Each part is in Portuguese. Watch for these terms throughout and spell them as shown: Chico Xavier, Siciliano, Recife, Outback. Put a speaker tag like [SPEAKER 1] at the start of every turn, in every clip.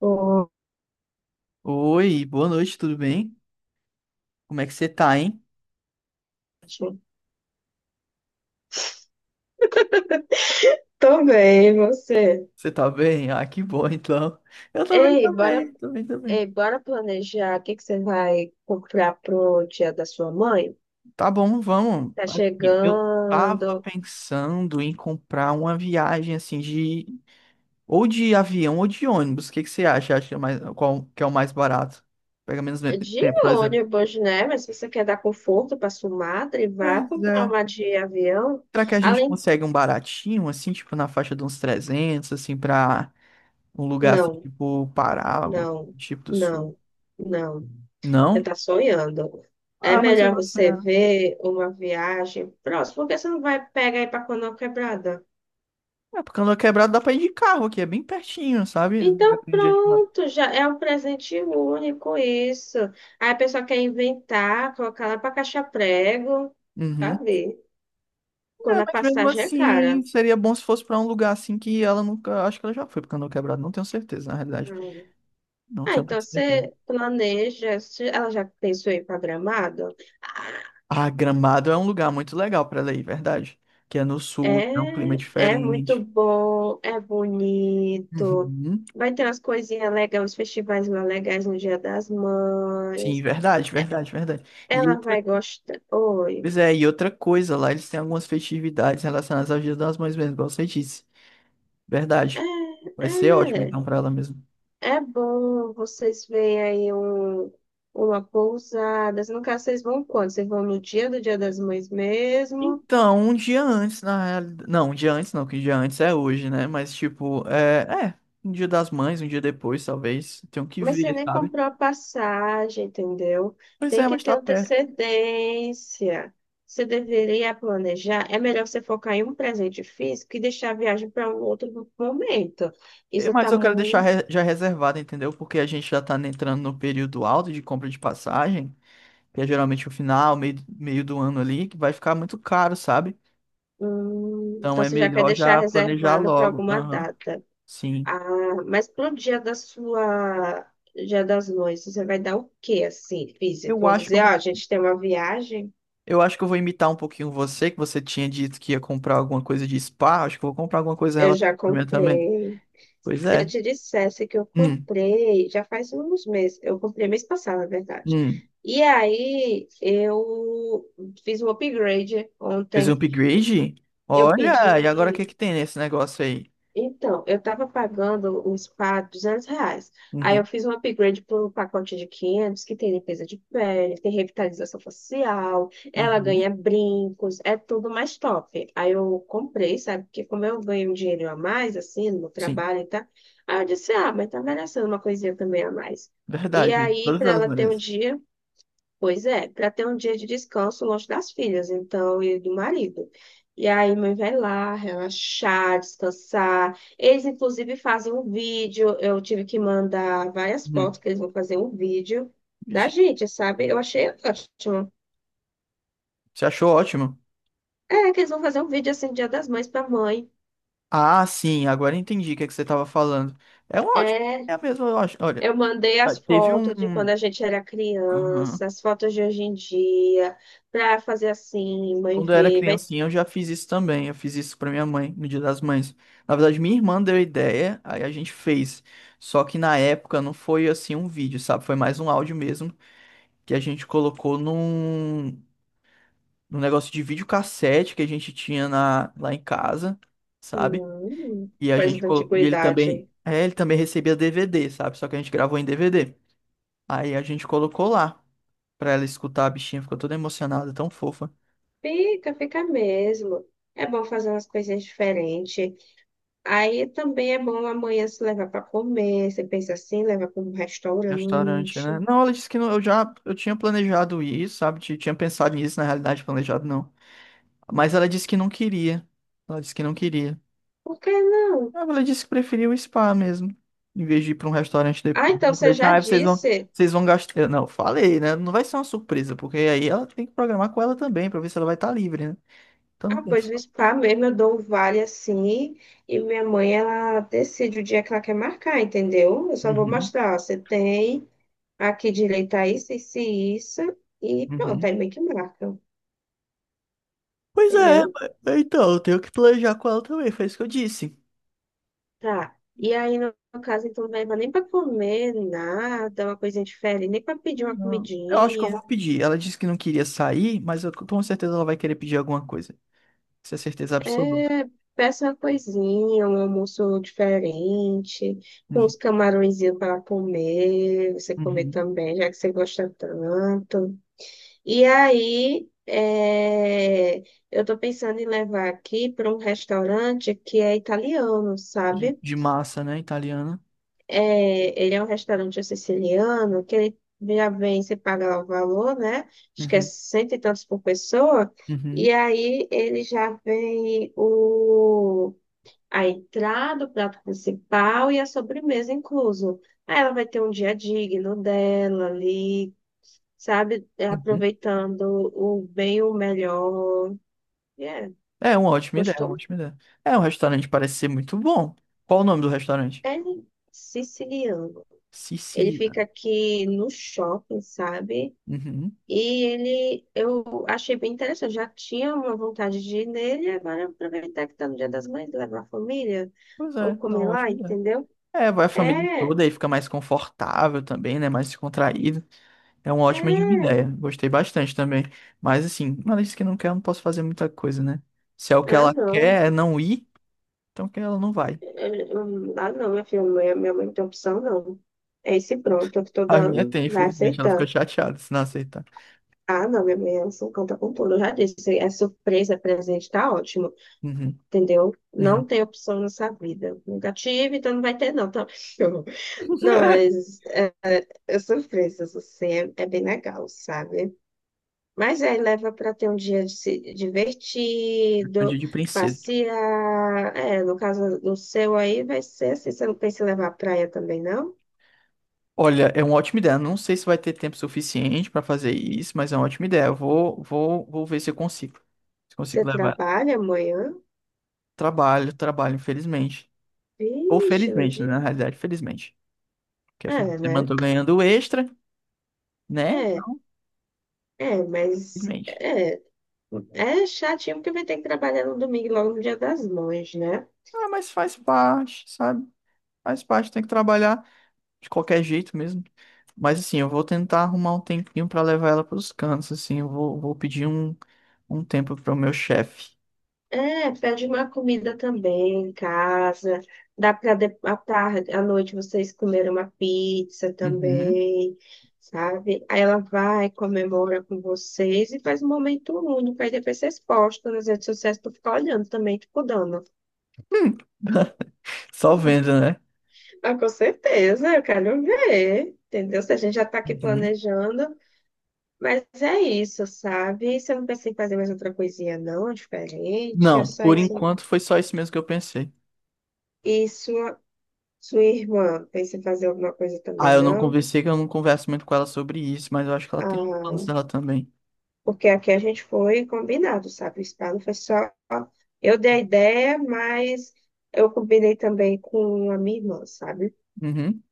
[SPEAKER 1] Ótimo.
[SPEAKER 2] Oi, boa noite, tudo bem? Como é que você tá, hein?
[SPEAKER 1] Tô bem, e você?
[SPEAKER 2] Você tá bem? Ah, que bom, então. Eu também,
[SPEAKER 1] Ei, bora,
[SPEAKER 2] também, também, também.
[SPEAKER 1] ei, bora planejar o que que você vai comprar pro dia da sua mãe?
[SPEAKER 2] Tá bom, vamos.
[SPEAKER 1] Tá
[SPEAKER 2] Aqui, eu tava
[SPEAKER 1] chegando
[SPEAKER 2] pensando em comprar uma viagem assim de ou de avião ou de ônibus. O que que você acha? Acha mais qual que é o mais barato? Pega
[SPEAKER 1] de
[SPEAKER 2] tempo, por exemplo.
[SPEAKER 1] ônibus, né? Mas se você quer dar conforto pra sua madre, vá
[SPEAKER 2] Pois
[SPEAKER 1] comprar
[SPEAKER 2] é.
[SPEAKER 1] uma de avião.
[SPEAKER 2] Será que a gente
[SPEAKER 1] Além,
[SPEAKER 2] consegue um baratinho assim, tipo na faixa de uns 300, assim, pra um lugar assim,
[SPEAKER 1] não,
[SPEAKER 2] tipo Pará, algum
[SPEAKER 1] não,
[SPEAKER 2] tipo do Sul?
[SPEAKER 1] não, não. Você
[SPEAKER 2] Não?
[SPEAKER 1] tá sonhando. É
[SPEAKER 2] Ah, mas eu
[SPEAKER 1] melhor
[SPEAKER 2] gosto de
[SPEAKER 1] você
[SPEAKER 2] sonhar.
[SPEAKER 1] ver uma viagem próxima, porque você não vai pegar aí pra Canoa Quebrada.
[SPEAKER 2] É, porque andou quebrado dá pra ir de carro aqui, é bem pertinho, sabe? Lugar
[SPEAKER 1] Então
[SPEAKER 2] que a gente mora.
[SPEAKER 1] pronto, já é um presente único isso. Aí a pessoa quer inventar, colocar lá para caixa prego,
[SPEAKER 2] Uhum.
[SPEAKER 1] sabe?
[SPEAKER 2] É,
[SPEAKER 1] Quando a
[SPEAKER 2] mas mesmo
[SPEAKER 1] passagem é cara.
[SPEAKER 2] assim, seria bom se fosse pra um lugar assim que ela nunca. Acho que ela já foi porque andou quebrado, não tenho certeza, na realidade.
[SPEAKER 1] Hum.
[SPEAKER 2] Não
[SPEAKER 1] Ah,
[SPEAKER 2] tenho
[SPEAKER 1] então
[SPEAKER 2] tanta certeza.
[SPEAKER 1] você planeja, se ela já pensou em programado?
[SPEAKER 2] Ah, Gramado é um lugar muito legal pra ela ir, verdade. Que é no sul, é um clima
[SPEAKER 1] É, é muito
[SPEAKER 2] diferente.
[SPEAKER 1] bom, é bonito.
[SPEAKER 2] Uhum.
[SPEAKER 1] Vai ter umas coisinhas legais, uns festivais mais legais no Dia das
[SPEAKER 2] Sim,
[SPEAKER 1] Mães.
[SPEAKER 2] verdade, verdade, verdade. E
[SPEAKER 1] Ela
[SPEAKER 2] outra,
[SPEAKER 1] vai gostar. Oi.
[SPEAKER 2] pois é, e outra coisa, lá eles têm algumas festividades relacionadas ao Dia das Mães mesmo, igual você disse. Verdade.
[SPEAKER 1] É,
[SPEAKER 2] Vai ser ótimo
[SPEAKER 1] é.
[SPEAKER 2] então pra ela mesmo.
[SPEAKER 1] É bom vocês verem aí um, uma pousada. No caso, vocês vão quando? Vocês vão no dia do Dia das Mães mesmo?
[SPEAKER 2] Então, um dia antes, na realidade. Não, um dia antes não, que um dia antes é hoje, né? Mas, tipo, é. É, um dia das mães, um dia depois, talvez. Tenho que
[SPEAKER 1] Mas você
[SPEAKER 2] ver,
[SPEAKER 1] nem
[SPEAKER 2] sabe?
[SPEAKER 1] comprou a passagem, entendeu?
[SPEAKER 2] Pois é,
[SPEAKER 1] Tem que
[SPEAKER 2] mas
[SPEAKER 1] ter
[SPEAKER 2] tá perto.
[SPEAKER 1] antecedência. Você deveria planejar. É melhor você focar em um presente físico e deixar a viagem para um outro momento. Isso
[SPEAKER 2] Mas
[SPEAKER 1] está
[SPEAKER 2] eu quero
[SPEAKER 1] muito.
[SPEAKER 2] já reservado, entendeu? Porque a gente já tá entrando no período alto de compra de passagem, que é geralmente o final, meio do ano ali, que vai ficar muito caro, sabe?
[SPEAKER 1] Hum,
[SPEAKER 2] Então
[SPEAKER 1] então,
[SPEAKER 2] é
[SPEAKER 1] você já quer
[SPEAKER 2] melhor
[SPEAKER 1] deixar
[SPEAKER 2] já planejar
[SPEAKER 1] reservado para
[SPEAKER 2] logo.
[SPEAKER 1] alguma
[SPEAKER 2] Aham,
[SPEAKER 1] data.
[SPEAKER 2] sim.
[SPEAKER 1] Ah, mas pro dia da sua, dia das noivas, você vai dar o quê, assim, físico?
[SPEAKER 2] Eu
[SPEAKER 1] Vou
[SPEAKER 2] acho que
[SPEAKER 1] dizer,
[SPEAKER 2] eu
[SPEAKER 1] ó, a
[SPEAKER 2] vou.
[SPEAKER 1] gente tem uma viagem,
[SPEAKER 2] Eu acho que eu vou imitar um pouquinho você, que você tinha dito que ia comprar alguma coisa de spa. Acho que eu vou comprar alguma coisa
[SPEAKER 1] eu
[SPEAKER 2] relacionada
[SPEAKER 1] já
[SPEAKER 2] à minha também.
[SPEAKER 1] comprei.
[SPEAKER 2] Pois
[SPEAKER 1] Se eu
[SPEAKER 2] é.
[SPEAKER 1] te dissesse que eu
[SPEAKER 2] Hum,
[SPEAKER 1] comprei, já faz uns meses, eu comprei mês passado, na verdade.
[SPEAKER 2] hum.
[SPEAKER 1] E aí eu fiz um upgrade
[SPEAKER 2] Fez um
[SPEAKER 1] ontem.
[SPEAKER 2] upgrade?
[SPEAKER 1] Eu
[SPEAKER 2] Olha, e agora o que
[SPEAKER 1] pedi,
[SPEAKER 2] que tem nesse negócio aí?
[SPEAKER 1] Então, eu estava pagando um spa R$ 200. Aí eu
[SPEAKER 2] Uhum,
[SPEAKER 1] fiz um upgrade para um pacote de 500 que tem limpeza de pele, tem revitalização facial, ela ganha
[SPEAKER 2] uhum.
[SPEAKER 1] brincos, é tudo mais top. Aí eu comprei, sabe? Porque como eu ganho um dinheiro a mais, assim, no meu
[SPEAKER 2] Sim,
[SPEAKER 1] trabalho e tal, aí eu disse, ah, mas tá merecendo uma coisinha também a mais. E
[SPEAKER 2] verdade. Gente.
[SPEAKER 1] aí,
[SPEAKER 2] Todas
[SPEAKER 1] para
[SPEAKER 2] elas
[SPEAKER 1] ela ter um
[SPEAKER 2] merecem.
[SPEAKER 1] dia, Pois é, para ter um dia de descanso longe das filhas, então, e do marido. E aí, mãe vai lá relaxar, descansar. Eles, inclusive, fazem um vídeo. Eu tive que mandar várias
[SPEAKER 2] Uhum.
[SPEAKER 1] fotos que eles vão fazer um vídeo da
[SPEAKER 2] Vixe,
[SPEAKER 1] gente, sabe? Eu achei ótimo.
[SPEAKER 2] você achou ótimo?
[SPEAKER 1] É, que eles vão fazer um vídeo assim, Dia das Mães para mãe.
[SPEAKER 2] Ah, sim, agora eu entendi o que é que você estava falando. É um ótimo.
[SPEAKER 1] É,
[SPEAKER 2] É a mesma, eu acho. Olha,
[SPEAKER 1] eu mandei
[SPEAKER 2] ah,
[SPEAKER 1] as
[SPEAKER 2] teve
[SPEAKER 1] fotos de quando
[SPEAKER 2] um.
[SPEAKER 1] a gente era
[SPEAKER 2] Aham.
[SPEAKER 1] criança, as fotos de hoje em dia, para fazer assim, mãe
[SPEAKER 2] Quando eu era
[SPEAKER 1] ver. Vai...
[SPEAKER 2] criancinha, eu já fiz isso também. Eu fiz isso pra minha mãe, no Dia das Mães. Na verdade, minha irmã deu a ideia, aí a gente fez. Só que na época não foi assim um vídeo, sabe? Foi mais um áudio mesmo, que a gente num negócio de videocassete que a gente tinha lá em casa, sabe?
[SPEAKER 1] Hum,
[SPEAKER 2] E a
[SPEAKER 1] coisa
[SPEAKER 2] gente
[SPEAKER 1] da
[SPEAKER 2] colocou, e ele
[SPEAKER 1] antiguidade.
[SPEAKER 2] também, é, ele também recebia DVD, sabe? Só que a gente gravou em DVD. Aí a gente colocou lá pra ela escutar, a bichinha ficou toda emocionada, tão fofa.
[SPEAKER 1] Fica mesmo. É bom fazer umas coisinhas diferentes. Aí também é bom amanhã se levar para comer. Você pensa assim, levar para um
[SPEAKER 2] Restaurante,
[SPEAKER 1] restaurante.
[SPEAKER 2] né? Não, ela disse que não, eu tinha planejado ir, sabe? Tinha pensado nisso, na realidade, planejado não. Mas ela disse que não queria. Ela disse que não queria.
[SPEAKER 1] Por que não?
[SPEAKER 2] Ah, ela disse que preferia o spa mesmo, em vez de ir para um restaurante
[SPEAKER 1] Ah,
[SPEAKER 2] depois.
[SPEAKER 1] então
[SPEAKER 2] Eu
[SPEAKER 1] você
[SPEAKER 2] falei,
[SPEAKER 1] já
[SPEAKER 2] ah,
[SPEAKER 1] disse.
[SPEAKER 2] vocês vão gastar. Eu, não, falei, né? Não vai ser uma surpresa, porque aí ela tem que programar com ela também, pra ver se ela vai estar livre, né? Então não
[SPEAKER 1] Ah,
[SPEAKER 2] tem.
[SPEAKER 1] pois no spa mesmo eu dou um vale assim. E minha mãe, ela decide o dia que ela quer marcar, entendeu? Eu só vou
[SPEAKER 2] Uhum,
[SPEAKER 1] mostrar. Ó, você tem aqui direito a isso, isso e isso. E pronto,
[SPEAKER 2] uhum.
[SPEAKER 1] aí meio que marca,
[SPEAKER 2] Pois é,
[SPEAKER 1] entendeu?
[SPEAKER 2] então, eu tenho que planejar com ela também, foi isso que eu disse.
[SPEAKER 1] Tá. E aí, no caso, então, não leva nem pra comer, nada, uma coisinha diferente, nem pra pedir uma
[SPEAKER 2] Não, eu acho que eu
[SPEAKER 1] comidinha.
[SPEAKER 2] vou pedir. Ela disse que não queria sair, mas eu com certeza ela vai querer pedir alguma coisa. Isso é certeza absoluta.
[SPEAKER 1] É, peça uma coisinha, um almoço diferente, com
[SPEAKER 2] Uhum.
[SPEAKER 1] uns camarõezinhos para comer, você comer
[SPEAKER 2] Uhum.
[SPEAKER 1] também, já que você gosta tanto. E aí, é, eu tô pensando em levar aqui para um restaurante que é italiano, sabe?
[SPEAKER 2] De massa, né? Italiana.
[SPEAKER 1] É, ele é um restaurante siciliano que ele já vem, você paga lá o valor, né? Acho que é
[SPEAKER 2] Uhum.
[SPEAKER 1] cento e tantos por pessoa.
[SPEAKER 2] Uhum.
[SPEAKER 1] E aí ele já vem a entrada, o prato principal e a sobremesa incluso. Aí ela vai ter um dia digno dela ali, sabe?
[SPEAKER 2] Uhum.
[SPEAKER 1] Aproveitando o bem, o melhor. É,
[SPEAKER 2] É uma ótima ideia, uma
[SPEAKER 1] gostou?
[SPEAKER 2] ótima ideia. É, o restaurante parece ser muito bom. Qual o nome do restaurante?
[SPEAKER 1] É siciliano. Ele fica
[SPEAKER 2] Siciliano.
[SPEAKER 1] aqui no shopping, sabe?
[SPEAKER 2] Uhum.
[SPEAKER 1] E ele, eu achei bem interessante, já tinha uma vontade de ir nele, agora aproveitar que tá no Dia das Mães, levar a família,
[SPEAKER 2] Pois é,
[SPEAKER 1] ou
[SPEAKER 2] é uma
[SPEAKER 1] comer lá,
[SPEAKER 2] ótima ideia.
[SPEAKER 1] entendeu?
[SPEAKER 2] É, vai a família
[SPEAKER 1] É, é,
[SPEAKER 2] toda aí, fica mais confortável também, né? Mais descontraído. É uma ótima de uma ideia. Gostei bastante também. Mas assim, uma lista que não quer, eu não posso fazer muita coisa, né? Se é o que
[SPEAKER 1] ah
[SPEAKER 2] ela
[SPEAKER 1] não,
[SPEAKER 2] quer é não ir, então que ela não vai.
[SPEAKER 1] Ah não, minha filha, minha mãe não tem opção não, é esse pronto que eu estou
[SPEAKER 2] A minha
[SPEAKER 1] dando,
[SPEAKER 2] tem,
[SPEAKER 1] vai
[SPEAKER 2] infelizmente. Ela ficou
[SPEAKER 1] aceitando.
[SPEAKER 2] chateada se não aceitar.
[SPEAKER 1] Ah não, minha mãe, ela só conta com tudo, eu já disse, é surpresa, é presente, tá ótimo,
[SPEAKER 2] Uhum,
[SPEAKER 1] entendeu? Não
[SPEAKER 2] uhum.
[SPEAKER 1] tem opção nessa vida, nunca tive, então não vai ter não, tá? Não, mas Eu sou fresas, assim, é bem legal, sabe? Mas aí leva para ter um dia de se-
[SPEAKER 2] Um
[SPEAKER 1] divertido,
[SPEAKER 2] dia de princesa.
[SPEAKER 1] passear. É, no caso do seu aí, vai ser assim. Você não pensa em levar à praia também, não?
[SPEAKER 2] Olha, é uma ótima ideia. Não sei se vai ter tempo suficiente pra fazer isso, mas é uma ótima ideia. Eu vou, vou ver se eu consigo. Se consigo
[SPEAKER 1] Você
[SPEAKER 2] levar.
[SPEAKER 1] trabalha amanhã?
[SPEAKER 2] Trabalho, trabalho, infelizmente. Ou
[SPEAKER 1] Vixe, no
[SPEAKER 2] felizmente, né?
[SPEAKER 1] dia.
[SPEAKER 2] Na realidade, felizmente. Porque afinal,
[SPEAKER 1] É,
[SPEAKER 2] de semana
[SPEAKER 1] né?
[SPEAKER 2] eu tô ganhando extra, né?
[SPEAKER 1] É,
[SPEAKER 2] Então,
[SPEAKER 1] é, mas
[SPEAKER 2] felizmente.
[SPEAKER 1] é, é chatinho porque vai ter que trabalhar no domingo, logo no dia das mães, né?
[SPEAKER 2] Ah, mas faz parte, sabe? Faz parte, tem que trabalhar de qualquer jeito mesmo. Mas assim, eu vou tentar arrumar um tempinho pra levar ela pros cantos, assim, vou um tempo pro meu chefe.
[SPEAKER 1] É, pede uma comida também em casa. Dá para à tarde, à noite vocês comerem uma pizza
[SPEAKER 2] Uhum.
[SPEAKER 1] também, sabe? Aí ela vai, comemora com vocês e faz um momento único. Aí depois vocês postam nas redes sociais para ficar olhando também, tipo, dando.
[SPEAKER 2] Hum. Só vendo, né?
[SPEAKER 1] Mas com certeza, eu quero ver, entendeu? Se a gente já tá aqui
[SPEAKER 2] Uhum.
[SPEAKER 1] planejando. Mas é isso, sabe? Você não pensa em fazer mais outra coisinha, não, é diferente, é
[SPEAKER 2] Não,
[SPEAKER 1] só
[SPEAKER 2] por
[SPEAKER 1] isso.
[SPEAKER 2] enquanto foi só isso mesmo que eu pensei.
[SPEAKER 1] Isso. Sua irmã pensa em fazer alguma coisa
[SPEAKER 2] Ah,
[SPEAKER 1] também,
[SPEAKER 2] eu não
[SPEAKER 1] não?
[SPEAKER 2] conversei, que eu não converso muito com ela sobre isso, mas eu acho que ela tem planos
[SPEAKER 1] Ah,
[SPEAKER 2] dela também.
[SPEAKER 1] porque aqui a gente foi combinado, sabe? O spa não foi só. Eu dei a ideia, mas eu combinei também com a minha irmã, sabe?
[SPEAKER 2] Uhum.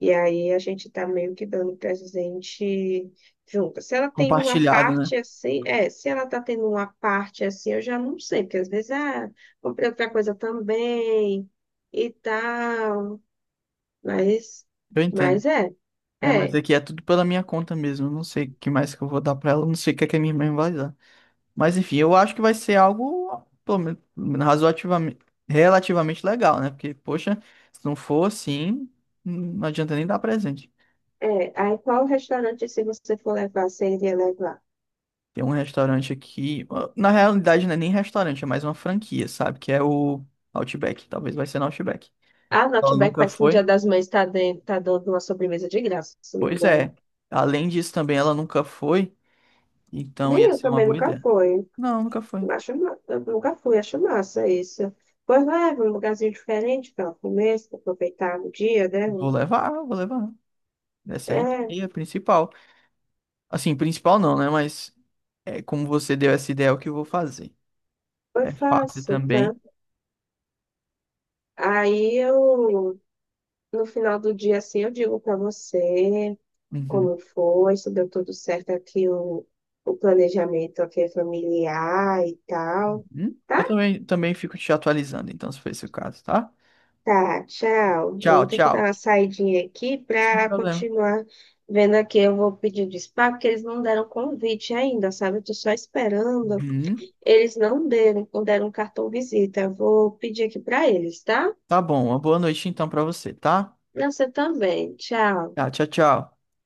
[SPEAKER 1] E aí a gente tá meio que dando presente junto. Se ela tem uma
[SPEAKER 2] Compartilhado, né?
[SPEAKER 1] parte assim, é, se ela tá tendo uma parte assim, eu já não sei, porque às vezes, ah, comprei outra coisa também e tal. Mas,
[SPEAKER 2] Eu entendo.
[SPEAKER 1] mas é.
[SPEAKER 2] É, mas
[SPEAKER 1] É,
[SPEAKER 2] aqui é tudo pela minha conta mesmo. Eu Não sei o que mais que eu vou dar pra ela, eu não sei o que é que a minha mãe vai dar. Mas enfim, eu acho que vai ser algo pelo menos, razoativamente, relativamente legal, né? Porque, poxa, se não for assim, não adianta nem dar presente.
[SPEAKER 1] Aí qual restaurante, se você for levar, você iria levar?
[SPEAKER 2] Tem um restaurante aqui, na realidade não é nem restaurante, é mais uma franquia, sabe? Que é o Outback, talvez vai ser no Outback.
[SPEAKER 1] Ah,
[SPEAKER 2] Ela
[SPEAKER 1] Outback
[SPEAKER 2] nunca
[SPEAKER 1] parece que no Dia
[SPEAKER 2] foi?
[SPEAKER 1] das Mães tá, dentro, tá dando uma sobremesa de graça, se não me
[SPEAKER 2] Pois
[SPEAKER 1] engano.
[SPEAKER 2] é. Além disso também ela nunca foi, então
[SPEAKER 1] Nem
[SPEAKER 2] ia
[SPEAKER 1] eu
[SPEAKER 2] ser uma
[SPEAKER 1] também
[SPEAKER 2] boa
[SPEAKER 1] nunca
[SPEAKER 2] ideia.
[SPEAKER 1] fui.
[SPEAKER 2] Não, nunca foi.
[SPEAKER 1] Acho, eu nunca fui, acho massa isso. Pois leva um lugarzinho diferente para comer, se aproveitar o dia, né?
[SPEAKER 2] Vou levar, vou levar. Essa aí
[SPEAKER 1] É,
[SPEAKER 2] é a principal. Assim, principal não, né? Mas é, como você deu essa ideia, é o que eu vou fazer.
[SPEAKER 1] foi
[SPEAKER 2] É fácil
[SPEAKER 1] fácil, tá?
[SPEAKER 2] também.
[SPEAKER 1] Aí eu, no final do dia, assim, eu digo para você.
[SPEAKER 2] Uhum,
[SPEAKER 1] Como foi, se deu tudo certo aqui o planejamento aqui familiar e tal.
[SPEAKER 2] uhum. Eu
[SPEAKER 1] Tá?
[SPEAKER 2] também, também fico te atualizando, então, se for esse o caso, tá?
[SPEAKER 1] Tá, tchau. Eu
[SPEAKER 2] Tchau,
[SPEAKER 1] vou ter que dar
[SPEAKER 2] tchau.
[SPEAKER 1] uma saidinha aqui
[SPEAKER 2] Sem
[SPEAKER 1] para
[SPEAKER 2] problema.
[SPEAKER 1] continuar vendo aqui. Eu vou pedir despacho, porque eles não deram convite ainda, sabe? Eu tô só esperando.
[SPEAKER 2] Uhum.
[SPEAKER 1] Eles não deram, não deram cartão visita. Eu vou pedir aqui para eles, tá?
[SPEAKER 2] Tá bom, uma boa noite então pra você, tá?
[SPEAKER 1] Pra você também. Tchau.
[SPEAKER 2] Tá, tchau, tchau.